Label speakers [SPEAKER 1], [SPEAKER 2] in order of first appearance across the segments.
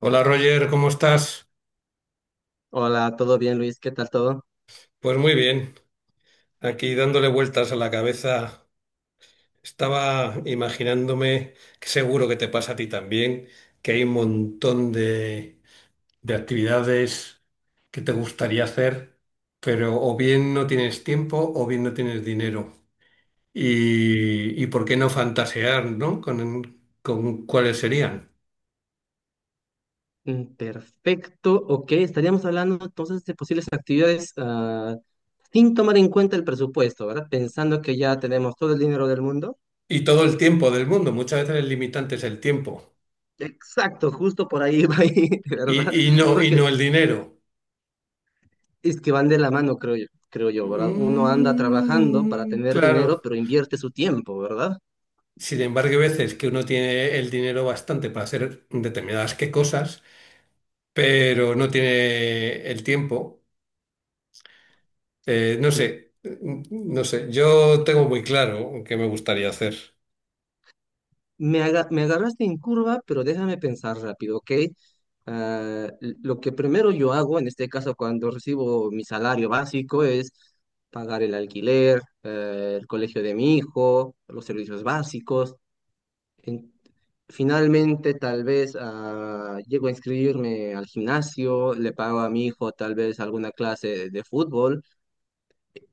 [SPEAKER 1] Hola Roger, ¿cómo estás?
[SPEAKER 2] Hola, ¿todo bien, Luis? ¿Qué tal todo?
[SPEAKER 1] Pues muy bien, aquí dándole vueltas a la cabeza. Estaba imaginándome, que seguro que te pasa a ti también, que hay un montón de actividades que te gustaría hacer, pero o bien no tienes tiempo o bien no tienes dinero. Y por qué no fantasear, ¿no? Con cuáles serían.
[SPEAKER 2] Perfecto, ok. Estaríamos hablando entonces de posibles actividades sin tomar en cuenta el presupuesto, ¿verdad? Pensando que ya tenemos todo el dinero del mundo.
[SPEAKER 1] Y todo el tiempo del mundo, muchas veces el limitante es el tiempo
[SPEAKER 2] Exacto, justo por ahí va, ahí, ¿verdad?
[SPEAKER 1] y, y no, y
[SPEAKER 2] Porque
[SPEAKER 1] no el dinero.
[SPEAKER 2] es que van de la mano, creo yo, ¿verdad? Uno anda trabajando para
[SPEAKER 1] Mm,
[SPEAKER 2] tener dinero,
[SPEAKER 1] claro.
[SPEAKER 2] pero invierte su tiempo, ¿verdad?
[SPEAKER 1] Sin embargo, hay veces que uno tiene el dinero bastante para hacer determinadas qué cosas, pero no tiene el tiempo. Eh, no sé, mm, no sé. Yo tengo muy claro qué me gustaría hacer.
[SPEAKER 2] Me agarraste en curva, pero déjame pensar rápido, ¿ok? Lo que primero yo hago, en este caso cuando recibo mi salario básico, es pagar el alquiler, el colegio de mi hijo, los servicios básicos. En- Finalmente, tal vez llego a inscribirme al gimnasio, le pago a mi hijo tal vez alguna clase de fútbol.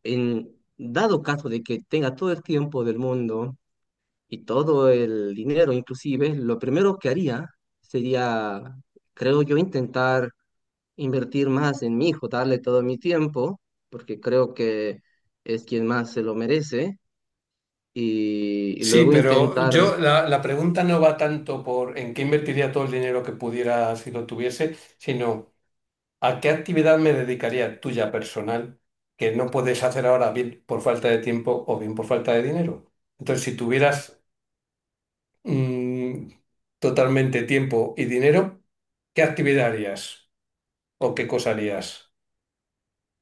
[SPEAKER 2] En dado caso de que tenga todo el tiempo del mundo y todo el dinero, inclusive, lo primero que haría sería, creo yo, intentar invertir más en mi hijo, darle todo mi tiempo, porque creo que es quien más se lo merece, y
[SPEAKER 1] Sí,
[SPEAKER 2] luego
[SPEAKER 1] pero
[SPEAKER 2] intentar,
[SPEAKER 1] yo la pregunta no va tanto por en qué invertiría todo el dinero que pudiera si lo tuviese, sino ¿a qué actividad me dedicaría tuya personal que no puedes hacer ahora bien por falta de tiempo o bien por falta de dinero? Entonces, si tuvieras mm, totalmente tiempo y dinero, ¿qué actividad harías o qué cosa harías?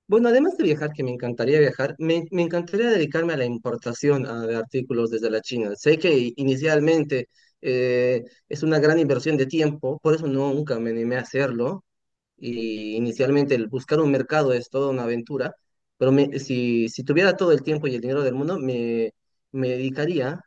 [SPEAKER 2] bueno, además de viajar, que me encantaría viajar, me encantaría dedicarme a la importación de artículos desde la China. Sé que inicialmente es una gran inversión de tiempo, por eso no, nunca me animé a hacerlo, y inicialmente el buscar un mercado es toda una aventura, pero si tuviera todo el tiempo y el dinero del mundo, me dedicaría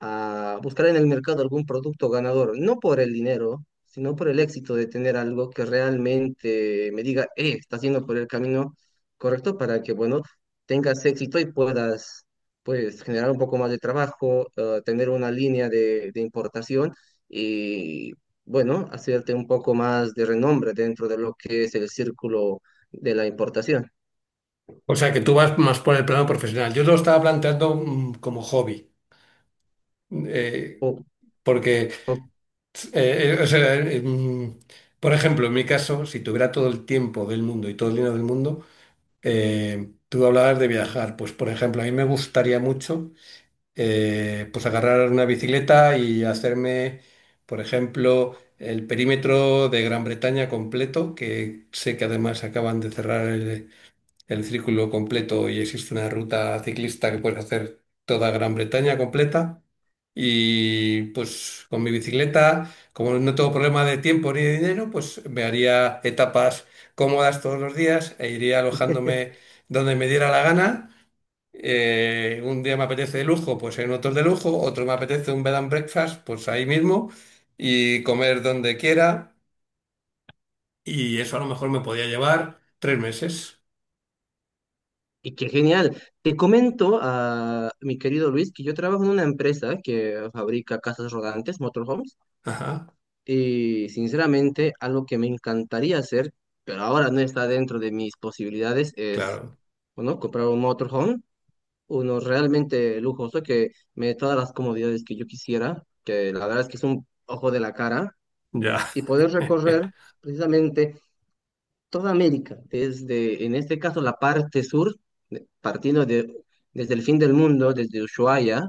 [SPEAKER 2] a buscar en el mercado algún producto ganador, no por el dinero, sino por el éxito de tener algo que realmente me diga, estás yendo por el camino correcto para que, bueno, tengas éxito y puedas, pues, generar un poco más de trabajo, tener una línea de importación y, bueno, hacerte un poco más de renombre dentro de lo que es el círculo de la importación.
[SPEAKER 1] O sea, que tú vas más por el plano profesional. Yo lo estaba planteando como hobby, eh,
[SPEAKER 2] ¿O,
[SPEAKER 1] porque,
[SPEAKER 2] o
[SPEAKER 1] eh, eh, o sea, eh, mm, por ejemplo, en mi caso, si tuviera todo el tiempo del mundo y todo el dinero del mundo, tú hablabas de viajar, pues por ejemplo, a mí me gustaría mucho pues agarrar una bicicleta y hacerme, por ejemplo, el perímetro de Gran Bretaña completo, que sé que además acaban de cerrar el círculo completo y existe una ruta ciclista que puedes hacer toda Gran Bretaña completa. Y pues con mi bicicleta, como no tengo problema de tiempo ni de dinero, pues me haría etapas cómodas todos los días e iría alojándome donde me diera la gana. Un día me apetece de lujo, pues en otro de lujo, otro me apetece un bed and breakfast, pues ahí mismo, y comer donde quiera. Y eso a lo mejor me podía llevar 3 meses.
[SPEAKER 2] Y qué genial. Te comento, a mi querido Luis, que yo trabajo en una empresa que fabrica casas rodantes, motorhomes,
[SPEAKER 1] Ajá,
[SPEAKER 2] y sinceramente algo que me encantaría hacer, pero ahora no está dentro de mis posibilidades, es,
[SPEAKER 1] claro.
[SPEAKER 2] bueno, comprar un motorhome, uno realmente lujoso que me dé todas las comodidades que yo quisiera, que la verdad es que es un ojo de la cara,
[SPEAKER 1] Ya.
[SPEAKER 2] y poder recorrer precisamente toda América, desde, en este caso, la parte sur, partiendo desde el fin del mundo, desde Ushuaia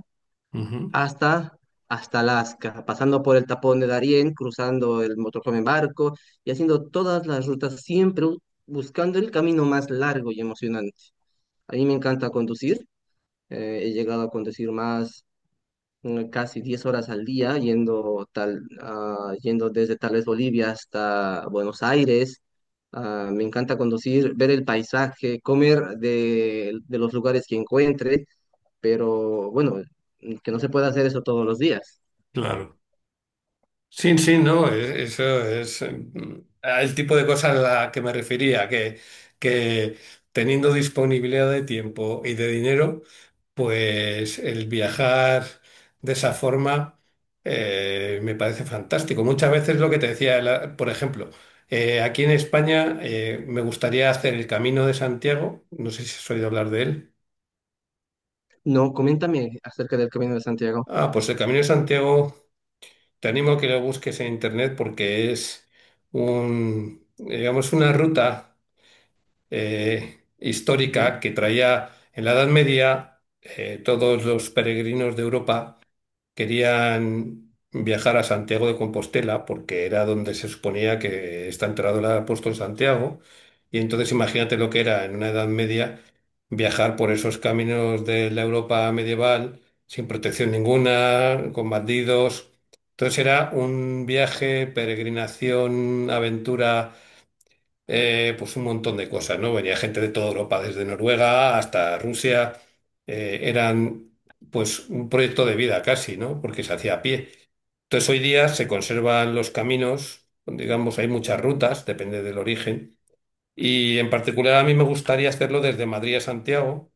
[SPEAKER 1] Ujú,
[SPEAKER 2] hasta, hasta Alaska, pasando por el tapón de Darién, cruzando el Motorhome en barco y haciendo todas las rutas, buscando el camino más largo y emocionante. A mí me encanta conducir, he llegado a conducir más casi 10 horas al día yendo, yendo desde tal vez Bolivia hasta Buenos Aires. Ah, me encanta conducir, ver el paisaje, comer de los lugares que encuentre, pero bueno, que no se puede hacer eso todos los días.
[SPEAKER 1] claro. Sí, sí, no, eso es el tipo de cosas a la que me refería, que teniendo disponibilidad de tiempo y de dinero, pues el viajar de esa forma me parece fantástico. Muchas veces lo que te decía, por ejemplo, aquí en España me gustaría hacer el Camino de Santiago, no sé si has oído hablar de él.
[SPEAKER 2] No, coméntame acerca del Camino de Santiago.
[SPEAKER 1] Ah, pues el Camino de Santiago. Te animo a que lo busques en internet porque es un, digamos, una ruta histórica que traía en la Edad Media todos los peregrinos de Europa. Querían viajar a Santiago de Compostela porque era donde se suponía que está enterrado el apóstol Santiago. Y entonces imagínate lo que era en una Edad Media viajar por esos caminos de la Europa medieval sin protección ninguna, con bandidos. Entonces era un viaje, peregrinación, aventura, pues un montón de cosas, ¿no? Venía gente de toda Europa, desde Noruega hasta Rusia, eran pues un proyecto de vida casi, ¿no? Porque se hacía a pie. Entonces hoy día se conservan los caminos, digamos, hay muchas rutas, depende del origen, y en particular a mí me gustaría hacerlo desde Madrid a Santiago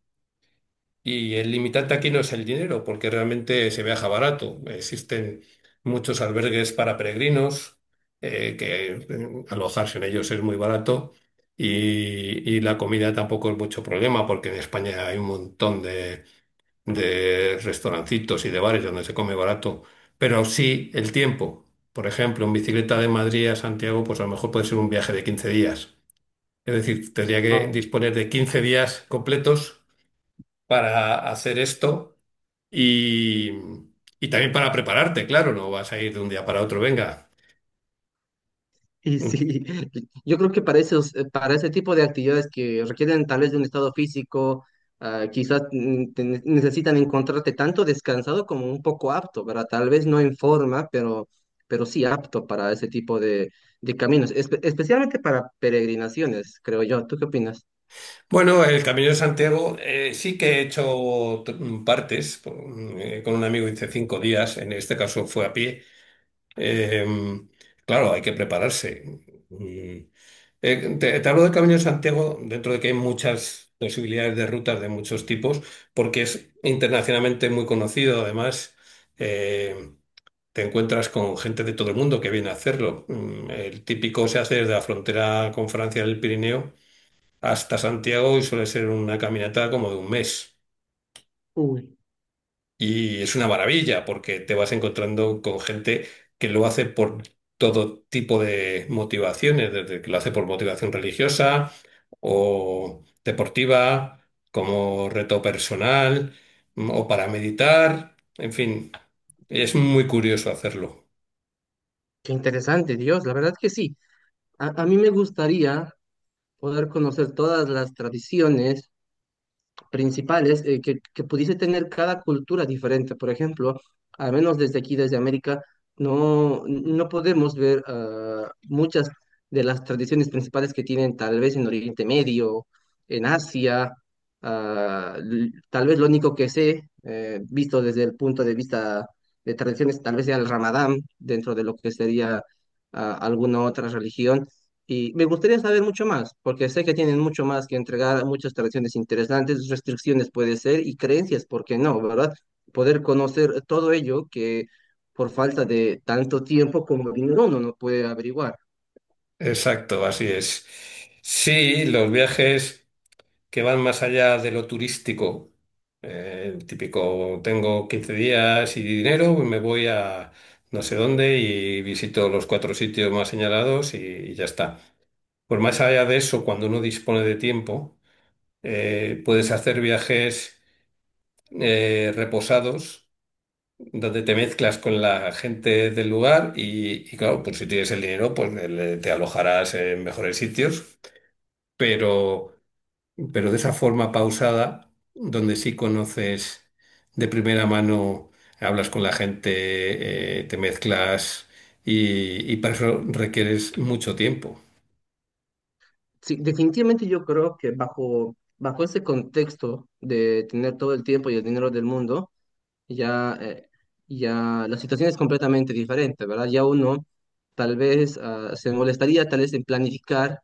[SPEAKER 1] y el limitante aquí no es el dinero, porque realmente se viaja barato. Existen muchos albergues para peregrinos, que alojarse en ellos es muy barato y, y la comida tampoco es mucho problema, porque en España hay un montón de restaurancitos y de bares donde se come barato. Pero sí el tiempo. Por ejemplo, en bicicleta de Madrid a Santiago, pues a lo mejor puede ser un viaje de 15 días. Es decir, tendría que
[SPEAKER 2] Ujú.
[SPEAKER 1] disponer de 15 días completos para hacer esto y, y también para prepararte, claro, no vas a ir de un día para otro, venga.
[SPEAKER 2] Y sí, yo creo que para esos, para ese tipo de actividades que requieren tal vez de un estado físico, ah, quizás necesitan encontrarte tanto descansado como un poco apto, ¿verdad? Tal vez no en forma, pero sí apto para ese tipo de caminos, especialmente para peregrinaciones, creo yo. ¿Tú qué opinas?
[SPEAKER 1] Bueno, el Camino de Santiago sí que he hecho partes, con un amigo hice 5 días, en este caso fue a pie. Eh, claro, hay que prepararse. Mm. Te hablo del Camino de Santiago dentro de que hay muchas posibilidades de rutas de muchos tipos, porque es internacionalmente muy conocido además. eh, Te encuentras con gente de todo el mundo que viene a hacerlo. Mm. El típico se hace desde la frontera con Francia del Pirineo hasta Santiago y suele ser una caminata como de un mes.
[SPEAKER 2] Uy,
[SPEAKER 1] Y es una maravilla porque te vas encontrando con gente que lo hace por todo tipo de motivaciones, desde que lo hace por motivación religiosa o deportiva, como reto personal, o para meditar. En fin, es muy curioso hacerlo.
[SPEAKER 2] qué interesante, Dios, la verdad que sí. A mí me gustaría poder conocer todas las tradiciones principales que pudiese tener cada cultura diferente. Por ejemplo, al menos desde aquí, desde América, no, no podemos ver muchas de las tradiciones principales que tienen tal vez en Oriente Medio, en Asia. Tal vez lo único que sé, visto desde el punto de vista de tradiciones, tal vez sea el Ramadán, dentro de lo que sería alguna otra religión y me gustaría saber mucho más, porque sé que tienen mucho más que entregar, muchas tradiciones interesantes, restricciones puede ser y creencias, ¿por qué no, verdad? Poder conocer todo ello que por falta de tanto tiempo como dinero uno no puede averiguar.
[SPEAKER 1] Exacto, así es. Sí, los viajes que van más allá de lo turístico, el típico, tengo 15 días y dinero, pues me voy a no sé dónde y visito los cuatro sitios más señalados y ya está. Pues más allá de eso, cuando uno dispone de tiempo, puedes hacer viajes reposados, donde te mezclas con la gente del lugar y claro, pues si tienes el dinero, pues te alojarás en mejores sitios, pero, pero de esa forma pausada, donde sí conoces de primera mano, hablas con la gente, te mezclas y para eso requieres mucho tiempo.
[SPEAKER 2] Sí, definitivamente yo creo que bajo ese contexto de tener todo el tiempo y el dinero del mundo, ya, eh, ya la situación es completamente diferente, ¿verdad? Ya uno tal vez se molestaría tal vez en planificar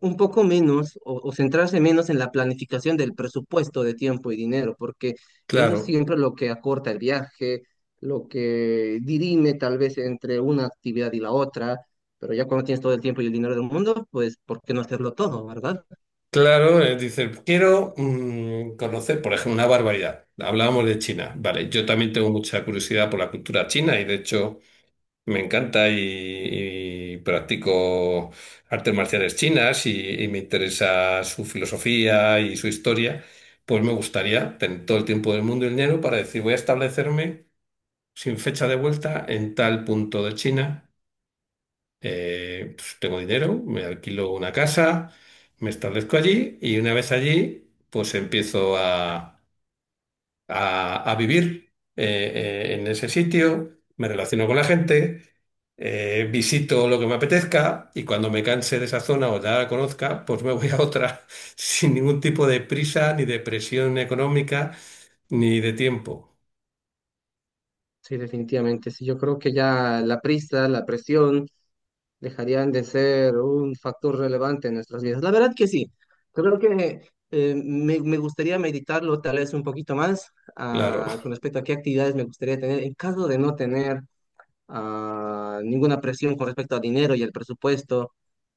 [SPEAKER 2] un poco menos o centrarse menos en la planificación del presupuesto de tiempo y dinero, porque eso es
[SPEAKER 1] Claro,
[SPEAKER 2] siempre lo que acorta el viaje, lo que dirime tal vez entre una actividad y la otra, pero ya cuando tienes todo el tiempo y el dinero del mundo, pues ¿por qué no hacerlo todo, verdad?
[SPEAKER 1] claro, dices, quiero conocer, por ejemplo, una barbaridad. Hablábamos de China, vale, yo también tengo mucha curiosidad por la cultura china y de hecho... Me encanta y practico artes marciales chinas y me interesa su filosofía y su historia. Pues me gustaría tener todo el tiempo del mundo y el dinero para decir, voy a establecerme sin fecha de vuelta en tal punto de China. Pues tengo dinero, me alquilo una casa, me establezco allí y una vez allí, pues empiezo a vivir en ese sitio, me relaciono con la gente, visito lo que me apetezca y cuando me canse de esa zona o ya la conozca, pues me voy a otra sin ningún tipo de prisa, ni de presión económica, ni de tiempo.
[SPEAKER 2] Sí, definitivamente. Sí, yo creo que ya la prisa, la presión dejarían de ser un factor relevante en nuestras vidas. La verdad que sí, creo que me gustaría meditarlo tal vez un poquito más
[SPEAKER 1] Claro,
[SPEAKER 2] con respecto a qué actividades me gustaría tener en caso de no tener ninguna presión con respecto al dinero y al presupuesto,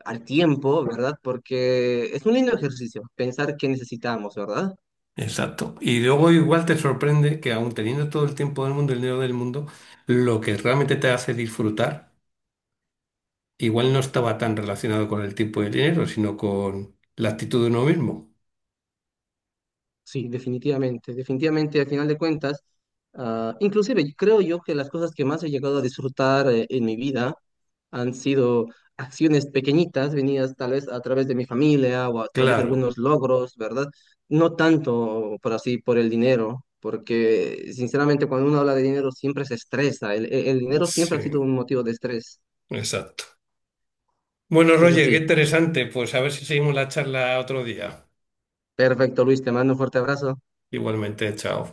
[SPEAKER 2] al tiempo, ¿verdad? Porque es un lindo ejercicio pensar qué necesitamos, ¿verdad?
[SPEAKER 1] exacto. Y luego igual te sorprende que aun teniendo todo el tiempo del mundo, el dinero del mundo, lo que realmente te hace disfrutar, igual no estaba tan relacionado con el tiempo y el dinero, sino con la actitud de uno mismo.
[SPEAKER 2] Sí, definitivamente, definitivamente, al final de cuentas, inclusive creo yo que las cosas que más he llegado a disfrutar en mi vida han sido acciones pequeñitas, venidas tal vez a través de mi familia o a través de
[SPEAKER 1] Claro.
[SPEAKER 2] algunos logros, ¿verdad? No tanto por así, por el dinero, porque sinceramente cuando uno habla de dinero siempre se estresa, el dinero siempre ha sido
[SPEAKER 1] Sí,
[SPEAKER 2] un motivo de estrés,
[SPEAKER 1] exacto. Bueno,
[SPEAKER 2] pero
[SPEAKER 1] Roger, qué
[SPEAKER 2] sí,
[SPEAKER 1] interesante. Pues a ver si seguimos la charla otro día.
[SPEAKER 2] perfecto, Luis, te mando un fuerte abrazo.
[SPEAKER 1] Igualmente, chao.